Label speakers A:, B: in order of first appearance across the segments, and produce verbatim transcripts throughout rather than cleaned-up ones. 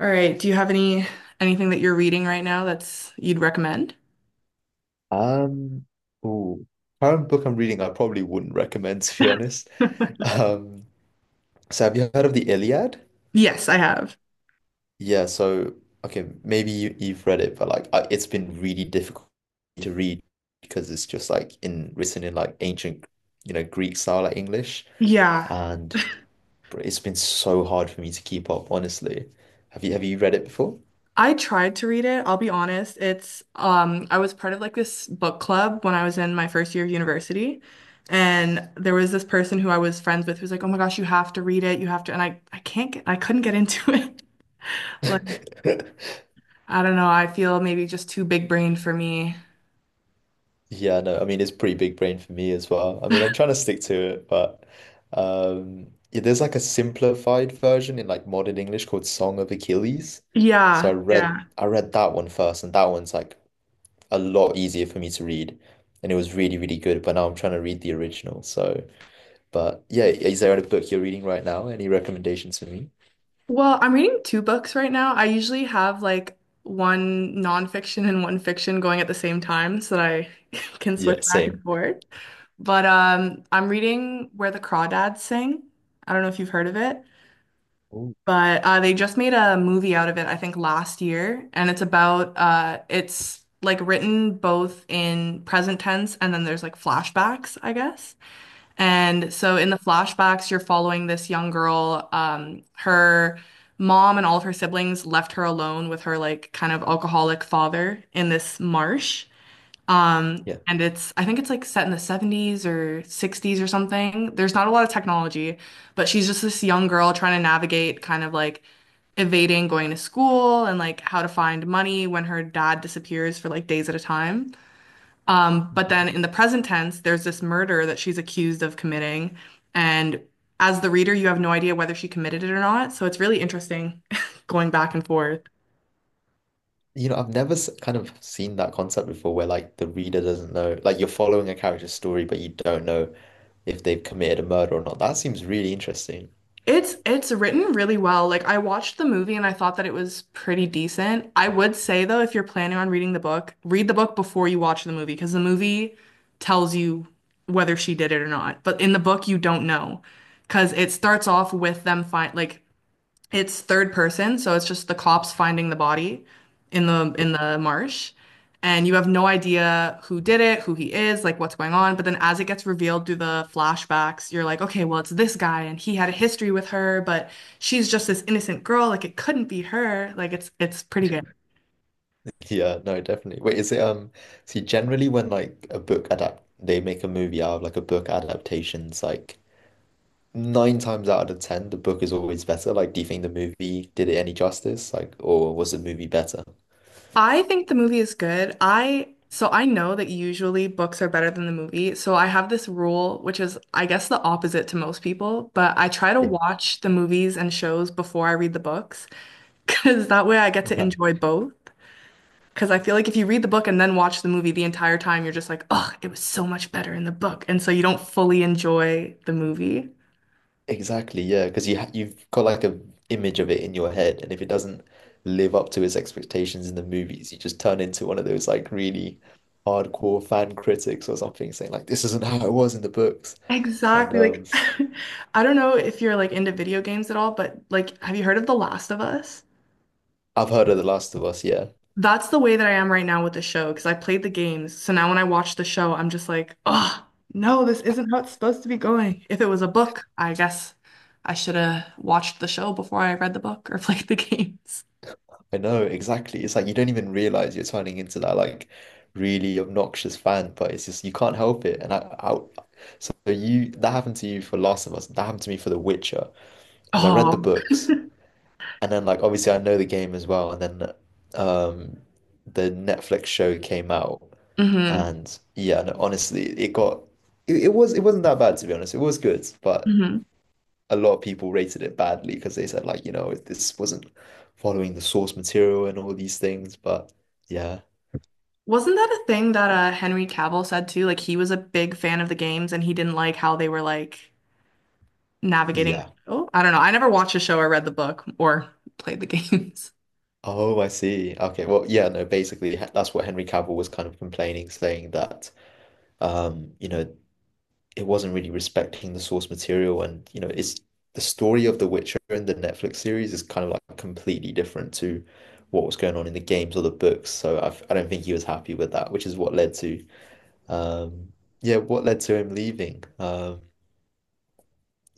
A: All right. Do you have any anything that you're reading right now that's you'd recommend?
B: Um, ooh, Current book I'm reading, I probably wouldn't recommend to be honest. Um, so have you heard of the Iliad?
A: Yes, I have.
B: Yeah, so okay, maybe you, you've read it, but like I, it's been really difficult to read because it's just like in written in like ancient, you know, Greek style like English,
A: Yeah,
B: and br- it's been so hard for me to keep up, honestly. Have you have you read it before?
A: I tried to read it. I'll be honest. It's um I was part of like this book club when I was in my first year of university. And there was this person who I was friends with who's like, "Oh my gosh, you have to read it. You have to." And I I can't get I couldn't get into it. Like, I don't know. I feel maybe just too big brained for me.
B: Yeah, no, I mean it's pretty big brain for me as well. I mean I'm trying to stick to it, but um yeah, there's like a simplified version in like modern English called Song of Achilles. So I
A: Yeah,
B: read
A: yeah.
B: I read that one first and that one's like a lot easier for me to read. And it was really, really good, but now I'm trying to read the original. So, but yeah, is there a book you're reading right now? Any recommendations for me?
A: Well, I'm reading two books right now. I usually have like one nonfiction and one fiction going at the same time so that I can switch
B: Yeah,
A: back and
B: same.
A: forth. But um, I'm reading Where the Crawdads Sing. I don't know if you've heard of it,
B: Oh,
A: but uh, they just made a movie out of it, I think, last year. And it's about uh, it's like written both in present tense and then there's like flashbacks, I guess. And so in the flashbacks, you're following this young girl. Um, her mom and all of her siblings left her alone with her like kind of alcoholic father in this marsh. Um,
B: yeah.
A: and it's I think it's like set in the seventies or sixties or something. There's not a lot of technology, but she's just this young girl trying to navigate kind of like evading going to school and like how to find money when her dad disappears for like days at a time. Um, but then in the present tense, there's this murder that she's accused of committing. And as the reader, you have no idea whether she committed it or not. So it's really interesting going back and forth.
B: You know, I've never s- kind of seen that concept before where like the reader doesn't know, like you're following a character's story, but you don't know if they've committed a murder or not. That seems really interesting.
A: It's it's written really well. Like I watched the movie and I thought that it was pretty decent. I would say though, if you're planning on reading the book, read the book before you watch the movie because the movie tells you whether she did it or not. But in the book, you don't know because it starts off with them find like It's third person, so it's just the cops finding the body in the
B: Yeah.
A: in the marsh, and you have no idea who did it, who he is, like what's going on. But then as it gets revealed through the flashbacks, you're like, okay, well, it's this guy, and he had a history with her, but she's just this innocent girl, like it couldn't be her. Like it's it's pretty good.
B: Yeah, no, definitely. Wait, is it, um see, generally when like a book adapt they make a movie out of like a book adaptations like nine times out of ten the book is always better. Like do you think the movie did it any justice? Like or was the movie better?
A: I think the movie is good. I So I know that usually books are better than the movie. So I have this rule, which is I guess the opposite to most people, but I try to
B: Yeah.
A: watch the movies and shows before I read the books because that way I get to enjoy
B: Right.
A: both. Because I feel like if you read the book and then watch the movie the entire time, you're just like, oh, it was so much better in the book. And so you don't fully enjoy the movie.
B: Exactly, yeah, because you ha you've got like a image of it in your head and if it doesn't live up to its expectations in the movies, you just turn into one of those like really hardcore fan critics or something saying like this isn't how it was in the books. And
A: Exactly.
B: um
A: Like, I don't know if you're like into video games at all, but like, have you heard of The Last of Us?
B: I've heard of The Last of Us, yeah.
A: That's the way that I am right now with the show because I played the games. So now when I watch the show, I'm just like, oh, no, this isn't how it's supposed to be going. If it was a book, I guess I should have watched the show before I read the book or played the games.
B: I know exactly. It's like you don't even realize you're turning into that like really obnoxious fan, but it's just you can't help it. And I, I so you that happened to you for Last of Us. That happened to me for The Witcher because I read the
A: Oh.
B: books and then like obviously I know the game as well. And then um the Netflix show came out
A: Hmm,
B: and yeah, no, honestly, it got it, it was it wasn't that bad to be honest. It was good, but
A: hmm.
B: a lot of people rated it badly because they said like, you know, this wasn't following the source material and all these things. But yeah,
A: Wasn't that a thing that uh, Henry Cavill said too? Like he was a big fan of the games and he didn't like how they were like navigating the
B: yeah.
A: show. I don't know. I never watched the show or read the book or played the games.
B: Oh, I see. Okay, well, yeah, no, basically h- that's what Henry Cavill was kind of complaining, saying that um, you know, it wasn't really respecting the source material and, you know, it's the story of The Witcher and the Netflix series is kind of like completely different to what was going on in the games or the books. So I've, I don't think he was happy with that, which is what led to um, yeah, what led to him leaving? Um,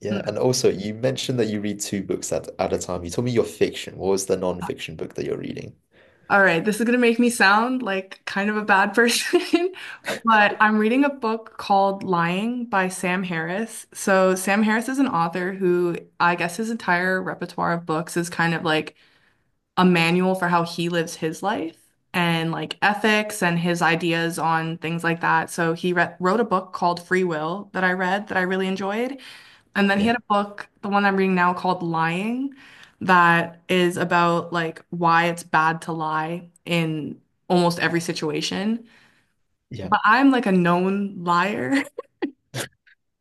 B: Yeah, and also you mentioned that you read two books at, at a time. You told me your fiction. What was the non-fiction book that you're reading?
A: All right, this is going to make me sound like kind of a bad person, but I'm reading a book called Lying by Sam Harris. So, Sam Harris is an author who I guess his entire repertoire of books is kind of like a manual for how he lives his life and like ethics and his ideas on things like that. So, he re wrote a book called Free Will that I read that I really enjoyed. And then he
B: Yeah,
A: had a book, the one I'm reading now called Lying, that is about like why it's bad to lie in almost every situation.
B: yeah.
A: But I'm like a known liar.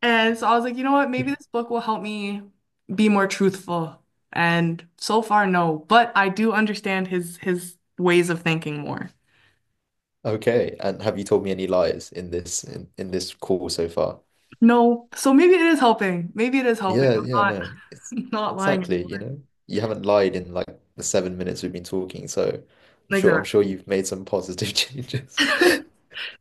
A: And so I was like, you know what? Maybe
B: Yeah.
A: this book will help me be more truthful. And so far, no. But I do understand his his ways of thinking more.
B: Okay, and have you told me any lies in this in, in this call so far?
A: No. So maybe it is helping. Maybe it is helping.
B: Yeah,
A: I'm
B: yeah,
A: not
B: no. It's
A: not lying
B: exactly,
A: anymore.
B: you know. You haven't lied in like the seven minutes we've been talking, so I'm sure I'm
A: Exactly.
B: sure you've made some positive changes.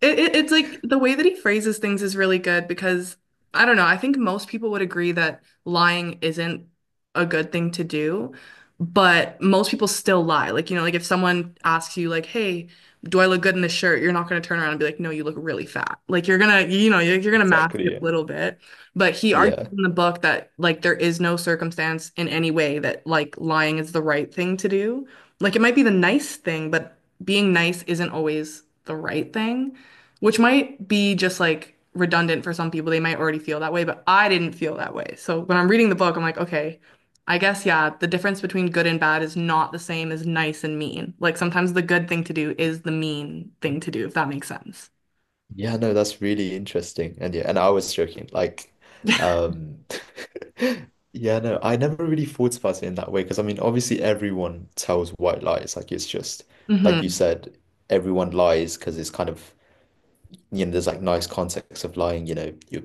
A: It, it, it's like the way that he phrases things is really good because I don't know. I think most people would agree that lying isn't a good thing to do, but most people still lie. Like, you know, like if someone asks you, like, hey, do I look good in this shirt? You're not going to turn around and be like, no, you look really fat. Like, you're going to, you know, you're, you're going to mask
B: Exactly.
A: it
B: Yeah.
A: a little bit. But he argues
B: Yeah.
A: in the book that, like, there is no circumstance in any way that, like, lying is the right thing to do. Like, it might be the nice thing, but being nice isn't always the right thing, which might be just like redundant for some people. They might already feel that way, but I didn't feel that way. So when I'm reading the book, I'm like, okay, I guess, yeah, the difference between good and bad is not the same as nice and mean. Like sometimes the good thing to do is the mean thing to do, if that makes sense.
B: Yeah, no, that's really interesting. And yeah, and I was joking. Like, um, yeah, no, I never really thought about it in that way. Because I mean, obviously everyone tells white lies. Like it's just like you
A: Hmm.
B: said, everyone lies because it's kind of, you know, there's like nice context of lying, you know, you're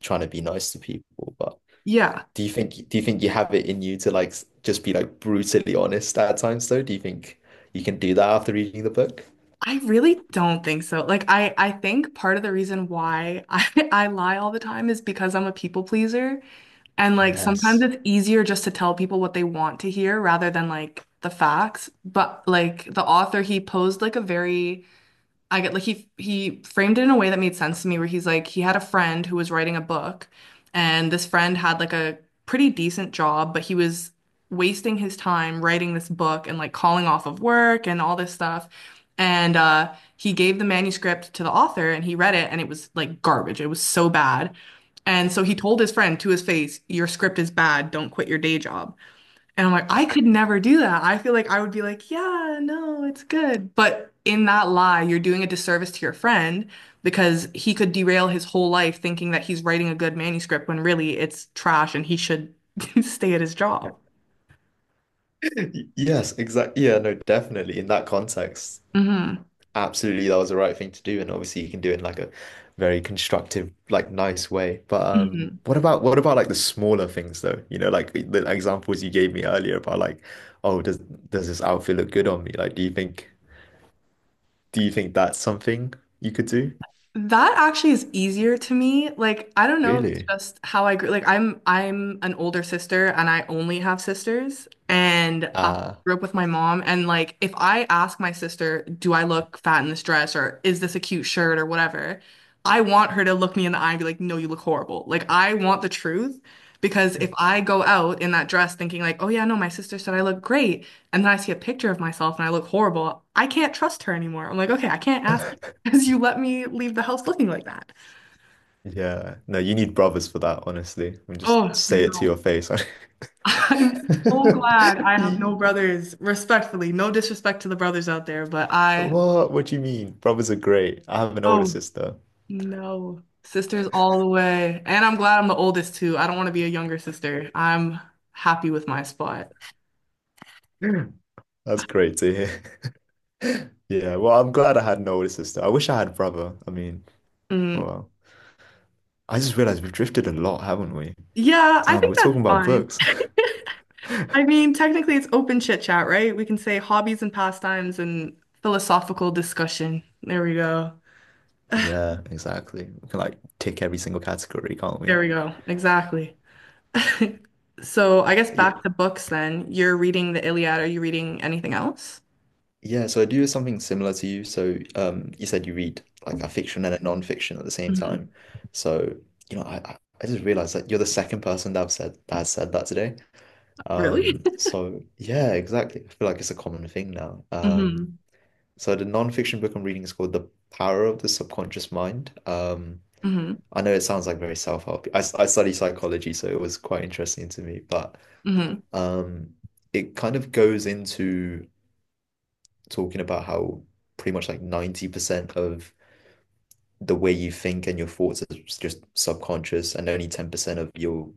B: trying to be nice to people. But
A: Yeah.
B: do you think do you think you have it in you to like s- just be like brutally honest at times though? Do you think you can do that after reading the book?
A: I really don't think so. Like I I think part of the reason why I I lie all the time is because I'm a people pleaser. And like sometimes
B: Yes.
A: it's easier just to tell people what they want to hear rather than like the facts. But like the author, he posed like a very I get like he he framed it in a way that made sense to me where he's like he had a friend who was writing a book and this friend had like a pretty decent job but he was wasting his time writing this book and like calling off of work and all this stuff and uh he gave the manuscript to the author and he read it and it was like garbage, it was so bad, and so he told his friend to his face, your script is bad, don't quit your day job. And I'm like, I could never do that. I feel like I would be like, yeah, no, it's good. But in that lie, you're doing a disservice to your friend because he could derail his whole life thinking that he's writing a good manuscript when really it's trash and he should stay at his job.
B: Y- Yes, exactly. Yeah, no, definitely. In that context,
A: Hmm.
B: absolutely, that was the right thing to do. And obviously, you can do it in like a very constructive, like nice way. But um, what about what about like the smaller things though? You know, like the examples you gave me earlier about like, oh, does does this outfit look good on me? Like, do you think do you think that's something you could do?
A: That actually is easier to me. Like, I don't know, it's
B: Really?
A: just how I grew. Like, I'm I'm an older sister and I only have sisters and I
B: Ah,
A: grew up with my mom and like if I ask my sister, "Do I look fat in this dress or is this a cute shirt or whatever?" I want her to look me in the eye and be like, "No, you look horrible." Like, I want the truth because if I go out in that dress thinking like, "Oh yeah, no, my sister said I look great," and then I see a picture of myself and I look horrible, I can't trust her anymore. I'm like, "Okay, I can't ask because you let me leave the house looking like that."
B: yeah. No, you need brothers for that, honestly. And just
A: Oh
B: say it to your
A: no.
B: face.
A: I'm so glad I have no brothers. Respectfully, no disrespect to the brothers out there, but I
B: What? What do you mean? Brothers are great. I have an older
A: oh
B: sister.
A: no. Sisters all the way. And I'm glad I'm the oldest too. I don't want to be a younger sister. I'm happy with my spot.
B: That's great to hear. Yeah, well, I'm glad I had an older sister. I wish I had a brother. I mean,
A: Mm.
B: well, I just realized we've drifted a lot, haven't we?
A: Yeah, I
B: Damn, we're
A: think that's
B: talking about
A: fine.
B: books.
A: I mean, technically it's open chit chat, right? We can say hobbies and pastimes and philosophical discussion. There we go.
B: Yeah, exactly. We can like tick every single category, can't
A: There
B: we?
A: we go. Exactly. So I guess
B: Yeah.
A: back to books then. You're reading the Iliad. Are you reading anything else?
B: Yeah, so I do something similar to you. So, um, you said you read like a fiction and a non-fiction at the same
A: Hmm.
B: time. So, you know, I I I just realized that you're the second person that I've said that has said that today.
A: Really?
B: Um, so yeah, exactly. I feel like it's a common thing now. Um,
A: Hmm,
B: so the non-fiction book I'm reading is called The Power of the Subconscious Mind. Um,
A: hmm,
B: I know it sounds like very self-help. I, I study psychology, so it was quite interesting to me, but
A: hmm,
B: um, it kind of goes into talking about how pretty much like ninety percent of the way you think and your thoughts is just subconscious, and only ten percent of your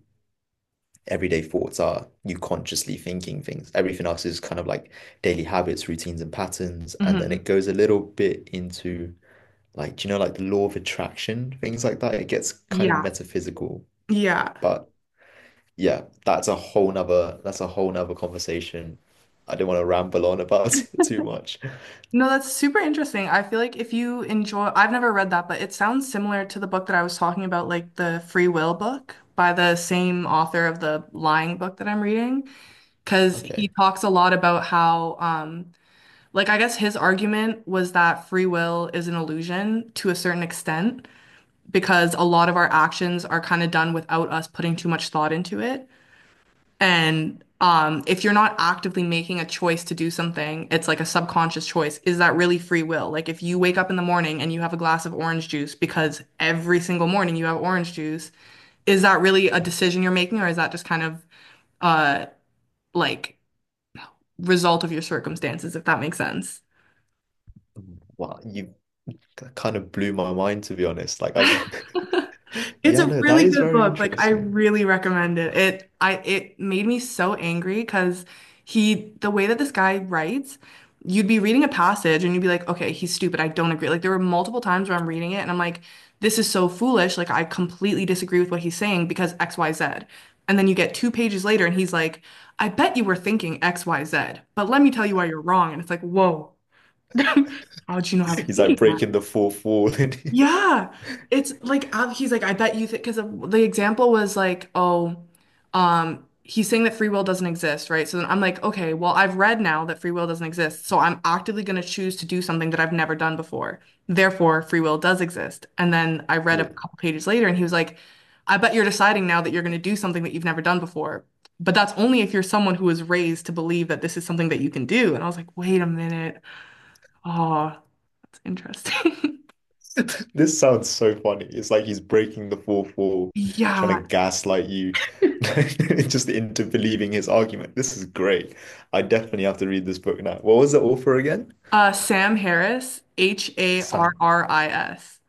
B: everyday thoughts are you consciously thinking things. Everything else is kind of like daily habits, routines, and patterns. And then it
A: hmm.
B: goes a little bit into like, you know, like the law of attraction, things like that. It gets kind of
A: Yeah.
B: metaphysical.
A: Yeah.
B: But yeah, that's a whole nother that's a whole nother conversation. I don't want to ramble on about it too much.
A: No, that's super interesting. I feel like if you enjoy, I've never read that, but it sounds similar to the book that I was talking about, like the Free Will book by the same author of the Lying book that I'm reading, because
B: Okay.
A: he talks a lot about how, um, like, I guess his argument was that free will is an illusion to a certain extent, because a lot of our actions are kind of done without us putting too much thought into it. And um, if you're not actively making a choice to do something, it's like a subconscious choice. Is that really free will? Like if you wake up in the morning and you have a glass of orange juice because every single morning you have orange juice, is that really a decision you're making, or is that just kind of uh like result of your circumstances, if that makes sense?
B: Wow, you kind of blew my mind to be honest. Like I
A: It's
B: Yeah,
A: a
B: no, that
A: really
B: is
A: good
B: very
A: book. Like I
B: interesting.
A: really recommend it. It I it made me so angry because he, the way that this guy writes, you'd be reading a passage and you'd be like, okay, he's stupid. I don't agree. Like there were multiple times where I'm reading it and I'm like, this is so foolish. Like I completely disagree with what he's saying because X, Y, Z. And then you get two pages later and he's like, I bet you were thinking X, Y, Z, but let me tell you why you're wrong. And it's like, whoa, how'd you know I was
B: He's like
A: thinking,
B: breaking the fourth wall. and-
A: yeah. It's like uh, he's like, I bet you think, because the example was like, oh, um, he's saying that free will doesn't exist, right? So then I'm like, okay, well, I've read now that free will doesn't exist, so I'm actively going to choose to do something that I've never done before. Therefore, free will does exist. And then I read a
B: Yeah.
A: couple pages later, and he was like, I bet you're deciding now that you're going to do something that you've never done before. But that's only if you're someone who was raised to believe that this is something that you can do. And I was like, wait a minute. Oh, that's interesting.
B: This sounds so funny. It's like he's breaking the fourth wall, trying to
A: Yeah.
B: gaslight you, just into believing his argument. This is great. I definitely have to read this book now. What was the author again?
A: Uh, Sam Harris, H A R
B: Sam.
A: R I S.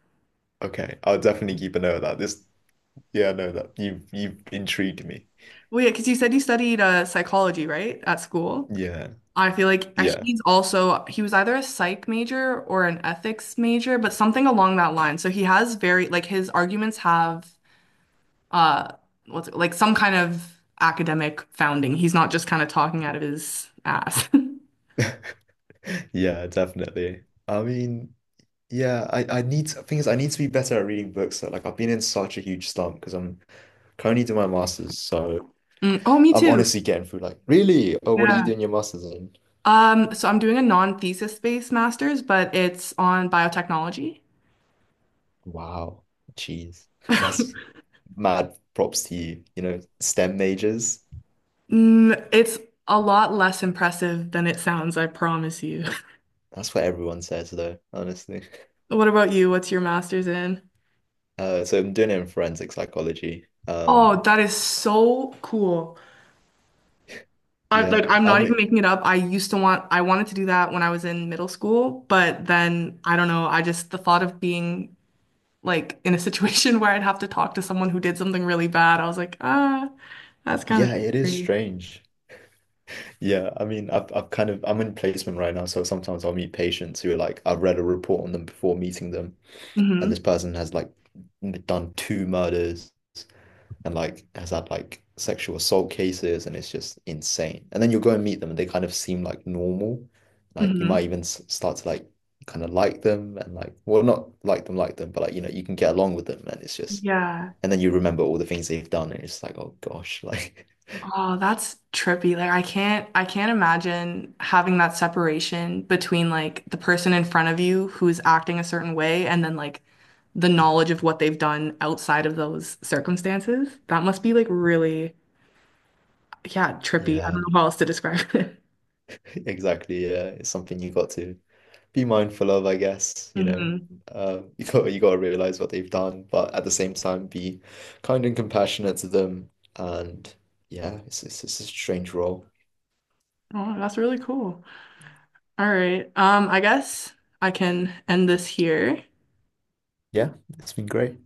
B: Okay, I'll definitely keep a note of that. This, yeah, I know that you've you've intrigued me.
A: Well, yeah, because you said you studied uh, psychology, right, at school.
B: Yeah,
A: I feel like uh,
B: yeah,
A: he's also, he was either a psych major or an ethics major, but something along that line. So he has very like, his arguments have uh what's it, like some kind of academic founding. He's not just kind of talking out of his ass.
B: yeah, definitely. I mean, yeah, I I need to, thing is I need to be better at reading books. So, like I've been in such a huge slump because I'm currently doing my master's, so.
A: Mm, oh, me
B: I'm
A: too.
B: honestly getting through like, really? Oh, what are you
A: Yeah.
B: doing your master's in?
A: Um, so I'm doing a non-thesis based master's, but it's on biotechnology.
B: Wow, jeez. That's mad props to you. You know, STEM majors.
A: Mm, it's a lot less impressive than it sounds, I promise you.
B: That's what everyone says though, honestly.
A: What about you? What's your master's in?
B: Uh, so I'm doing it in forensic psychology.
A: Oh,
B: Um,
A: that is so cool. I like
B: yeah,
A: I'm
B: I
A: not even
B: mean,
A: making it up. I used to want I wanted to do that when I was in middle school, but then I don't know, I just the thought of being like in a situation where I'd have to talk to someone who did something really bad, I was like, ah, that's kind of
B: yeah, it is
A: scary.
B: strange. Yeah, I mean, I've, I've kind of, I'm in placement right now, so sometimes I'll meet patients who are like, I've read a report on them before meeting them, and this
A: Mm-hmm.
B: person has like done two murders and like has had like sexual assault cases and it's just insane. And then you'll go and meet them and they kind of seem like normal. Like you
A: Mm-hmm.
B: might even s- start to like kind of like them and like well not like them like them but like you know you can get along with them and it's just
A: Yeah.
B: and then you remember all the things they've done and it's like oh gosh like
A: Oh, that's trippy. Like I can't I can't imagine having that separation between like the person in front of you who's acting a certain way and then like the knowledge of what they've done outside of those circumstances. That must be like really, yeah, trippy. I don't
B: yeah,
A: know how else to describe it.
B: exactly, yeah, it's something you got to be mindful of, I guess, you know,
A: Hmm.
B: uh, you got you got to realize what they've done, but at the same time, be kind and compassionate to them. And yeah, it's it's, it's a strange role.
A: Oh, that's really cool. All right. Um, I guess I can end this here.
B: Yeah, it's been great.